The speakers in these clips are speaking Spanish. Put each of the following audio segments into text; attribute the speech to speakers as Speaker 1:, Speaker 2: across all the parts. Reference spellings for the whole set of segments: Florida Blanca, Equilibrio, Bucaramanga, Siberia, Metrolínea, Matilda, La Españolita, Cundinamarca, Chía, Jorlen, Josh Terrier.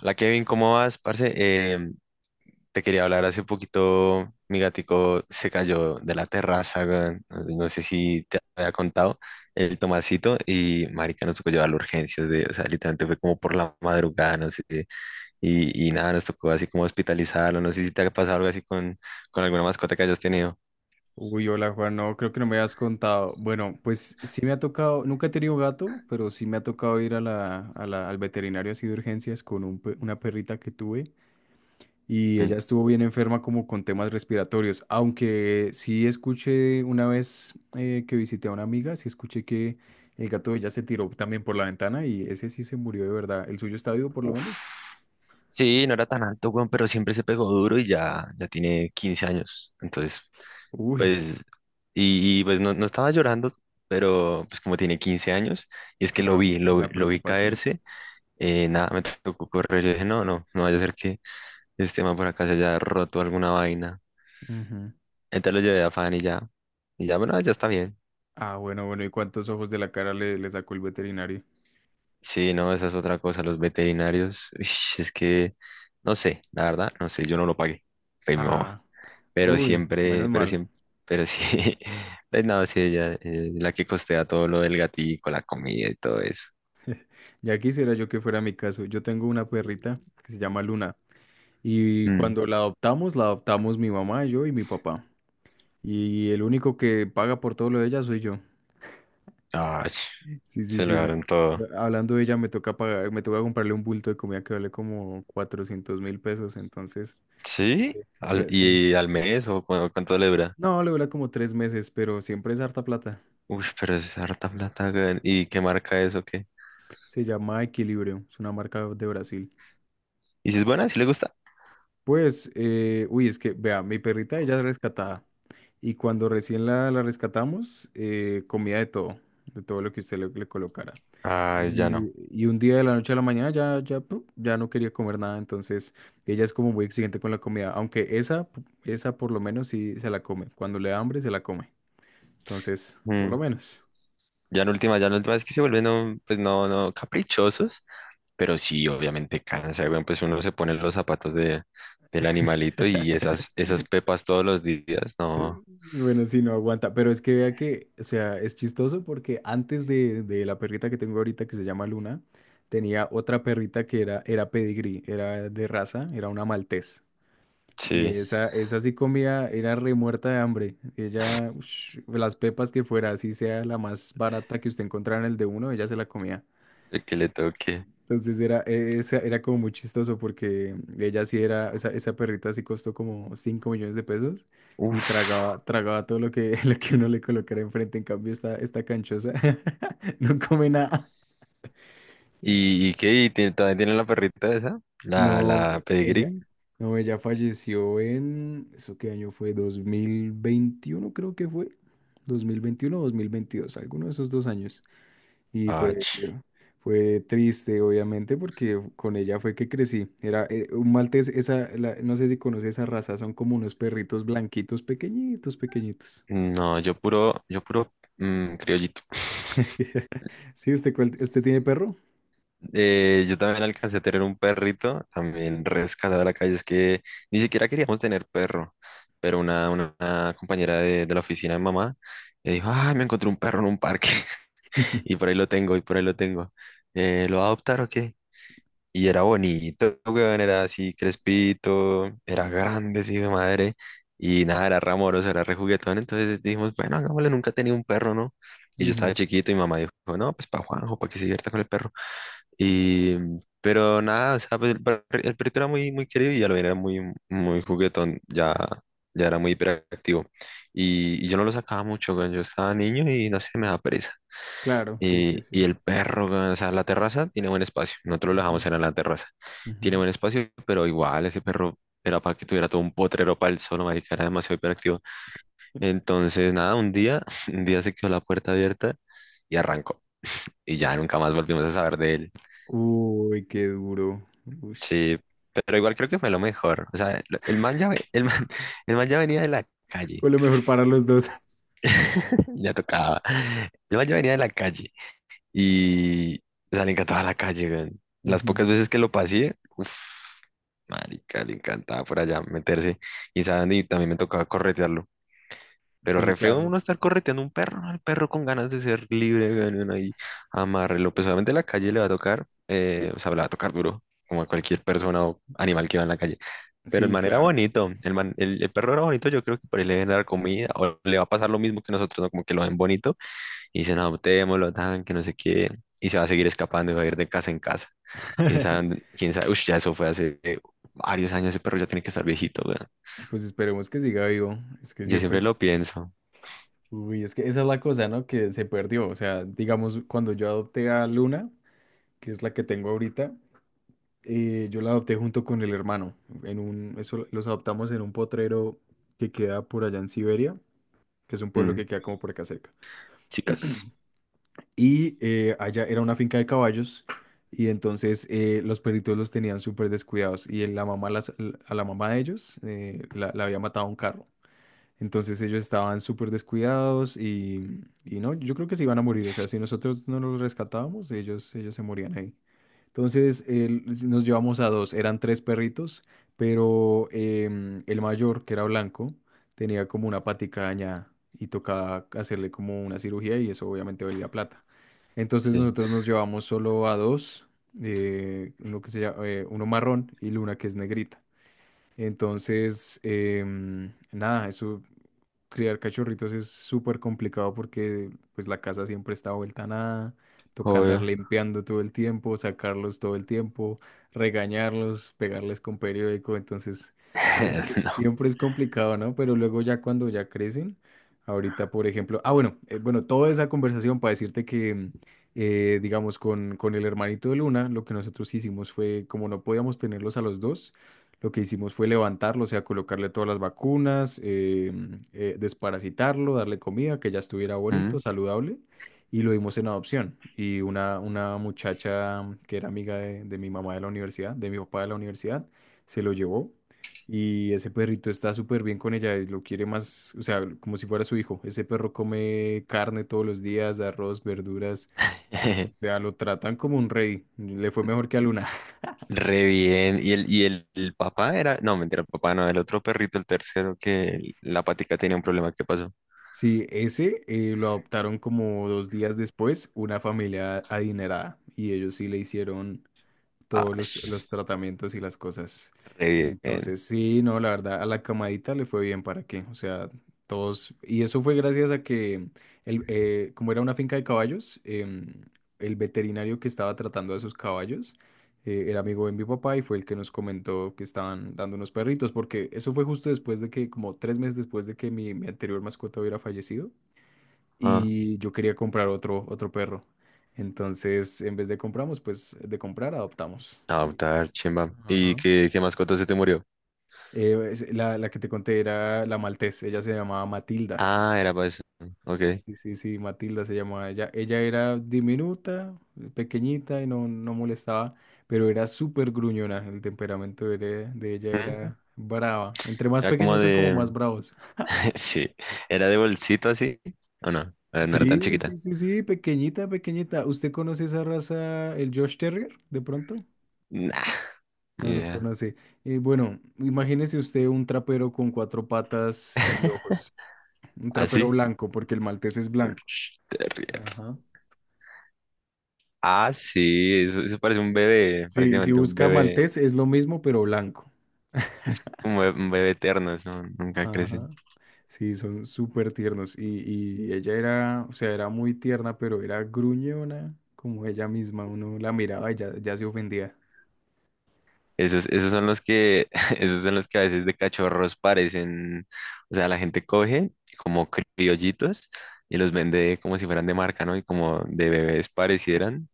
Speaker 1: Hola Kevin, ¿cómo vas, parce? Te quería hablar hace poquito, mi gatico se cayó de la terraza, weón. No sé si te había contado, el Tomasito, y marica nos tocó llevarlo a urgencias, de, o sea, literalmente fue como por la madrugada, no sé, y nada, nos tocó así como hospitalizarlo, no sé si te ha pasado algo así con alguna mascota que hayas tenido.
Speaker 2: Uy, hola Juan, no, creo que no me habías contado. Bueno, pues sí me ha tocado, nunca he tenido gato, pero sí me ha tocado ir al veterinario así de urgencias con una perrita que tuve y
Speaker 1: Mm,
Speaker 2: ella estuvo bien enferma como con temas respiratorios, aunque sí escuché una vez que visité a una amiga, sí escuché que el gato de ella se tiró también por la ventana y ese sí se murió de verdad. ¿El suyo está vivo por lo
Speaker 1: uf.
Speaker 2: menos?
Speaker 1: Sí, no era tan alto, weón, pero siempre se pegó duro y ya, ya tiene 15 años, entonces
Speaker 2: Uy,
Speaker 1: pues, pues no estaba llorando, pero pues como tiene 15 años, y es que lo
Speaker 2: claro,
Speaker 1: vi, lo, vi
Speaker 2: la
Speaker 1: lo vi
Speaker 2: preocupación.
Speaker 1: caerse, nada, me tocó correr, yo dije, no, no vaya a ser que este man por acá se haya roto alguna vaina.
Speaker 2: Ujú.
Speaker 1: Entonces lo llevé a Fan y ya, bueno, ya está bien.
Speaker 2: Ah, bueno, bueno, ¿y cuántos ojos de la cara le sacó el veterinario?
Speaker 1: Sí, no, esa es otra cosa, los veterinarios, uish, es que, no sé, la verdad, no sé, yo no lo pagué, fue mi mamá,
Speaker 2: Ah,
Speaker 1: pero
Speaker 2: uy, menos
Speaker 1: siempre,
Speaker 2: mal.
Speaker 1: pero sí, pues nada, sí, ella es la que costea todo lo del gatico, la comida y todo eso.
Speaker 2: Ya quisiera yo que fuera mi caso. Yo tengo una perrita que se llama Luna y
Speaker 1: Mm.
Speaker 2: cuando la adoptamos mi mamá, yo y mi papá. Y el único que paga por todo lo de ella soy yo.
Speaker 1: Ay,
Speaker 2: Sí, sí,
Speaker 1: se lo
Speaker 2: sí.
Speaker 1: dieron todo.
Speaker 2: Hablando de ella, me toca comprarle un bulto de comida que vale como 400.000 pesos, entonces,
Speaker 1: ¿Sí?
Speaker 2: o
Speaker 1: Al-
Speaker 2: sea, sí.
Speaker 1: ¿y al mes o cu- cuánto le dura?
Speaker 2: No, le dura como 3 meses, pero siempre es harta plata.
Speaker 1: Uy, pero es harta plata, weón. ¿Y qué marca es o qué?
Speaker 2: Se llama Equilibrio, es una marca de Brasil.
Speaker 1: ¿Y si es buena? ¿Si le gusta?
Speaker 2: Pues, uy, es que, vea, mi perrita ella es rescatada. Y cuando recién la rescatamos, comía de todo lo que usted le colocara.
Speaker 1: Ay, ya no.
Speaker 2: Y un día de la noche a la mañana ya no quería comer nada. Entonces, ella es como muy exigente con la comida. Aunque esa por lo menos sí se la come. Cuando le da hambre, se la come. Entonces, por lo
Speaker 1: Mm.
Speaker 2: menos.
Speaker 1: Ya en última, es que se vuelven, un- pues no, no, caprichosos. Pero sí, obviamente cansa, weón. Pues uno se pone los zapatos de, del animalito y esas, esas pepas todos los días, no.
Speaker 2: Bueno, sí, no aguanta, pero es que vea que, o sea, es chistoso porque antes de la perrita que tengo ahorita que se llama Luna, tenía otra perrita que era pedigrí, era de raza, era una maltés. Y
Speaker 1: Sí,
Speaker 2: esa sí comía, era remuerta de hambre. Ella, ush, las pepas que fuera, así sea la más barata que usted encontrara en el de uno, ella se la comía.
Speaker 1: el que le toque.
Speaker 2: Entonces era como muy chistoso porque ella sí era, esa perrita sí costó como 5 millones de pesos y
Speaker 1: Uf.
Speaker 2: tragaba todo lo que, lo que uno le colocara enfrente. En cambio, esta canchosa no come nada.
Speaker 1: Y qué? ¿Y tiene- todavía tiene la perrita esa? ¿La,
Speaker 2: No,
Speaker 1: la pedigree?
Speaker 2: ella falleció en, ¿eso qué año fue? 2021 creo que fue. 2021 o 2022, alguno de esos dos años. Y fue,
Speaker 1: Ach,
Speaker 2: fue triste, obviamente, porque con ella fue que crecí. Era un maltés, no sé si conoces esa raza, son como unos perritos blanquitos, pequeñitos, pequeñitos.
Speaker 1: no, yo puro mm, criollito.
Speaker 2: Sí, usted tiene perro?
Speaker 1: Yo también alcancé a tener un perrito, también rescatado de la calle. Es que ni siquiera queríamos tener perro, pero una compañera de la oficina de mamá dijo, ah, me encontré un perro en un parque y por ahí lo tengo, y por ahí lo tengo. ¿Lo va a adoptar o qué? Y era bonito, weón, era así crespito, era grande, sí, de madre. Y nada, era ramoroso, era rejuguetón. Entonces dijimos, bueno, hagámosle, nunca tenía un perro, ¿no? Y yo estaba
Speaker 2: Ujú,
Speaker 1: chiquito y mamá dijo, no, pues para Juanjo, para que se divierta con el perro. Y, pero nada, o sea, pues, el, per- el perrito era muy, muy querido y ya lo era muy, muy juguetón, ya, ya era muy hiperactivo. Y yo no lo sacaba mucho, weón, yo estaba niño y no sé, me daba pereza.
Speaker 2: claro, sí, sí,
Speaker 1: Y
Speaker 2: sí.
Speaker 1: el perro, weón, o sea, la terraza tiene buen espacio. Nosotros lo
Speaker 2: Ujú,
Speaker 1: dejamos era en la terraza. Tiene
Speaker 2: ujú.
Speaker 1: buen espacio, pero igual ese perro era para que tuviera todo un potrero para él solo, marica, era demasiado hiperactivo. Entonces, nada, un día, un día se quedó la puerta abierta y arrancó. Y ya nunca más volvimos a saber de él.
Speaker 2: Uy, qué duro. Ush.
Speaker 1: Sí, pero igual creo que fue lo mejor. O sea, lo- el man ya, ve- el man, el man ya venía de la calle.
Speaker 2: Fue lo mejor para los dos.
Speaker 1: Ya tocaba. El man ya venía de la calle. Y, o sea, le encantaba la calle, weón. Las
Speaker 2: Ujú,
Speaker 1: pocas veces que lo pasé, uff, marica, le encantaba por allá meterse. Y saben, y también me tocaba corretearlo. Pero
Speaker 2: sí,
Speaker 1: re feo
Speaker 2: claro.
Speaker 1: uno estar correteando un perro, ¿no? El perro con ganas de ser libre, weón, y uno ahí amarrelo. Pues obviamente la calle le va a tocar, o sea, le va a tocar duro, como a cualquier persona o animal que va en la calle. Pero el
Speaker 2: Sí,
Speaker 1: man era
Speaker 2: claro.
Speaker 1: bonito, el man, el perro era bonito, yo creo que por ahí le deben dar comida, o le va a pasar lo mismo que nosotros, ¿no? Como que lo ven bonito y dicen, adoptémoslo, tan, que no sé qué, y se va a seguir escapando, y va a ir de casa en casa. Quién sabe, dónde- quién sabe, uff, ya eso fue hace varios años, ese perro ya tiene que estar viejito, weón.
Speaker 2: Pues esperemos que siga vivo. Es que
Speaker 1: Yo
Speaker 2: siempre
Speaker 1: siempre
Speaker 2: es.
Speaker 1: lo pienso.
Speaker 2: Uy, es que esa es la cosa, ¿no? Que se perdió. O sea, digamos, cuando yo adopté a Luna, que es la que tengo ahorita, yo la adopté junto con el hermano. Eso los adoptamos en un potrero que queda por allá en Siberia, que es un pueblo
Speaker 1: Mm,
Speaker 2: que queda como por acá cerca.
Speaker 1: chicas,
Speaker 2: Y allá era una finca de caballos y entonces los perritos los tenían súper descuidados y a la mamá de ellos la había matado un carro. Entonces ellos estaban súper descuidados y no, yo creo que se iban a morir. O sea, si nosotros no los rescatábamos, ellos se morían ahí. Entonces nos llevamos a dos, eran tres perritos, pero el mayor, que era blanco, tenía como una patica dañada y tocaba hacerle como una cirugía y eso obviamente valía plata. Entonces
Speaker 1: sí,
Speaker 2: nosotros nos llevamos solo a dos, uno marrón y Luna que es negrita. Entonces, nada, eso criar cachorritos es súper complicado porque pues la casa siempre está vuelta a nada, toca andar
Speaker 1: obvio,
Speaker 2: limpiando todo el tiempo, sacarlos todo el tiempo, regañarlos, pegarles con periódico, entonces siempre,
Speaker 1: no,
Speaker 2: siempre es complicado, ¿no? Pero luego ya cuando ya crecen, ahorita por ejemplo, ah bueno, bueno, toda esa conversación para decirte que digamos con el hermanito de Luna, lo que nosotros hicimos fue como no podíamos tenerlos a los dos, lo que hicimos fue levantarlo, o sea, colocarle todas las vacunas, desparasitarlo, darle comida, que ya estuviera bonito,
Speaker 1: mm.
Speaker 2: saludable, y lo dimos en adopción. Y una muchacha que era amiga de mi mamá de la universidad, de mi papá de la universidad, se lo llevó. Y ese perrito está súper bien con ella, y lo quiere más, o sea, como si fuera su hijo. Ese perro come carne todos los días, arroz, verduras, o sea, lo tratan como un rey. Le fue mejor que a Luna.
Speaker 1: Re bien, y el, el papá era, no, mentira, el papá no, el otro perrito, el tercero, que la patica tenía un problema, ¿qué pasó?
Speaker 2: Sí, ese lo adoptaron como 2 días después una familia adinerada y ellos sí le hicieron
Speaker 1: Ah,
Speaker 2: todos los tratamientos y las cosas.
Speaker 1: re bien,
Speaker 2: Entonces, sí, no, la verdad, a la camadita le fue bien, ¿para qué? O sea, todos, y eso fue gracias a que, como era una finca de caballos, el veterinario que estaba tratando a esos caballos era amigo de mi papá y fue el que nos comentó que estaban dando unos perritos, porque eso fue justo después de que, como 3 meses después de que mi anterior mascota hubiera fallecido
Speaker 1: ah,
Speaker 2: y yo quería comprar otro perro. Entonces, en vez de compramos, pues de comprar, adoptamos. Y.
Speaker 1: adoptar, chimba, ¿y
Speaker 2: Ajá.
Speaker 1: qué, qué mascota se te murió?
Speaker 2: La que te conté era la maltés, ella se llamaba Matilda.
Speaker 1: Ah, era para eso, ok.
Speaker 2: Sí, sí, sí, Matilda se llamaba ella. Ella era diminuta, pequeñita y no, no molestaba, pero era súper gruñona. El temperamento de ella
Speaker 1: Ujú.
Speaker 2: era brava. Entre más
Speaker 1: Era como
Speaker 2: pequeños son como
Speaker 1: de...
Speaker 2: más bravos.
Speaker 1: Sí, era de bolsito así. ¿O no? No era tan
Speaker 2: Sí, sí,
Speaker 1: chiquita.
Speaker 2: sí, sí, pequeñita, pequeñita. ¿Usted conoce esa raza, el Josh Terrier, de pronto?
Speaker 1: Nah, ni
Speaker 2: No lo
Speaker 1: idea.
Speaker 2: conoce. Bueno, imagínese usted un trapero con cuatro patas y ojos. Un trapero
Speaker 1: ¿Así?
Speaker 2: blanco, porque el maltés es blanco.
Speaker 1: Sh, Terrier.
Speaker 2: Ajá.
Speaker 1: Ah, sí, eso parece un bebé,
Speaker 2: Sí, si
Speaker 1: prácticamente un
Speaker 2: busca
Speaker 1: bebé,
Speaker 2: maltés es lo mismo, pero blanco.
Speaker 1: un bebé, un bebé eterno, eso nunca crecen.
Speaker 2: Ajá. Sí, son súper tiernos. Y ella era, o sea, era muy tierna, pero era gruñona, como ella misma. Uno la miraba y ya, ya se ofendía.
Speaker 1: Esos, esos son los que, esos son los que a veces de cachorros parecen, o sea, la gente coge como criollitos y los vende como si fueran de marca, ¿no? Y como de bebés parecieran,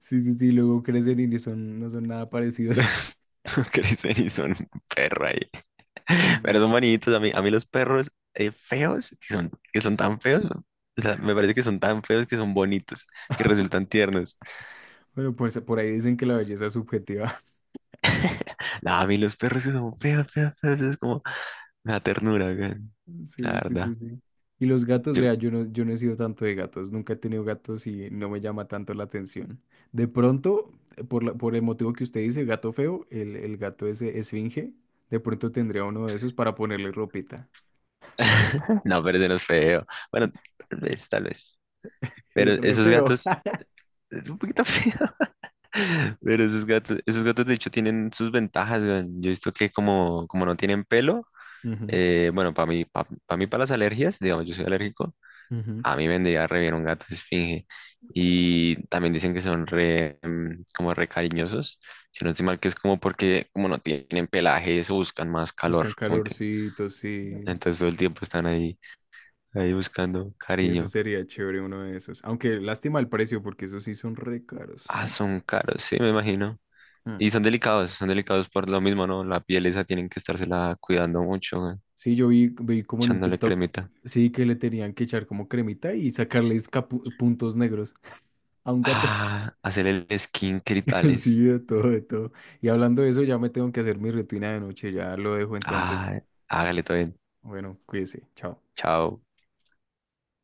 Speaker 2: Sí, sí, sí, luego crecen y ni son, no son nada
Speaker 1: no
Speaker 2: parecidos.
Speaker 1: crecen y son un perro ahí.
Speaker 2: Sí,
Speaker 1: Pero
Speaker 2: sí.
Speaker 1: son bonitos. A mí los perros feos, que son tan feos, ¿no? O sea, me parece que son tan feos que son bonitos, que resultan tiernos.
Speaker 2: Bueno, pues por ahí dicen que la belleza es subjetiva.
Speaker 1: No, a mí los perros que son feos, feos, feos, es como una ternura, güey. La
Speaker 2: Sí, sí,
Speaker 1: verdad.
Speaker 2: sí, sí. Y los gatos,
Speaker 1: Yo-
Speaker 2: vea, yo no he sido tanto de gatos, nunca he tenido gatos y no me llama tanto la atención. De pronto, por el motivo que usted dice, gato feo, el gato ese esfinge, de pronto tendría uno de esos para ponerle ropita.
Speaker 1: No, pero ese no es feo. Bueno, tal vez, tal vez. Pero
Speaker 2: Es re
Speaker 1: esos
Speaker 2: feo.
Speaker 1: gatos, es un poquito feo. Pero esos gatos de hecho tienen sus ventajas, güey. Yo he visto que como, como no tienen pelo,
Speaker 2: Ujú,
Speaker 1: bueno, para mí, para las alergias, digamos, yo soy alérgico.
Speaker 2: ujú.
Speaker 1: A mí me vendría re bien un gato esfinge. Y también dicen que son re, mm, como re cariñosos. Si no estoy mal, que es como porque como no tienen pelaje, eso buscan más calor.
Speaker 2: Buscan
Speaker 1: Como que-
Speaker 2: calorcitos, sí.
Speaker 1: entonces todo el tiempo están ahí, ahí buscando
Speaker 2: Sí, eso
Speaker 1: cariño.
Speaker 2: sería chévere uno de esos. Aunque lástima el precio, porque esos sí son re caros.
Speaker 1: Ah, son caros, sí, me imagino.
Speaker 2: Ah.
Speaker 1: Y son delicados por lo mismo, ¿no? La piel esa tienen que estársela cuidando mucho, güey,
Speaker 2: Sí, yo vi como en un
Speaker 1: echándole
Speaker 2: TikTok,
Speaker 1: cremita.
Speaker 2: sí, que le tenían que echar como cremita y sacarles puntos negros a un gato.
Speaker 1: Ah, hacerle el skin y
Speaker 2: Sí,
Speaker 1: tales.
Speaker 2: de todo, de todo. Y hablando de eso, ya me tengo que hacer mi rutina de noche, ya lo dejo entonces.
Speaker 1: Ah, hágale todo bien.
Speaker 2: Bueno, cuídese, chao.
Speaker 1: Chao.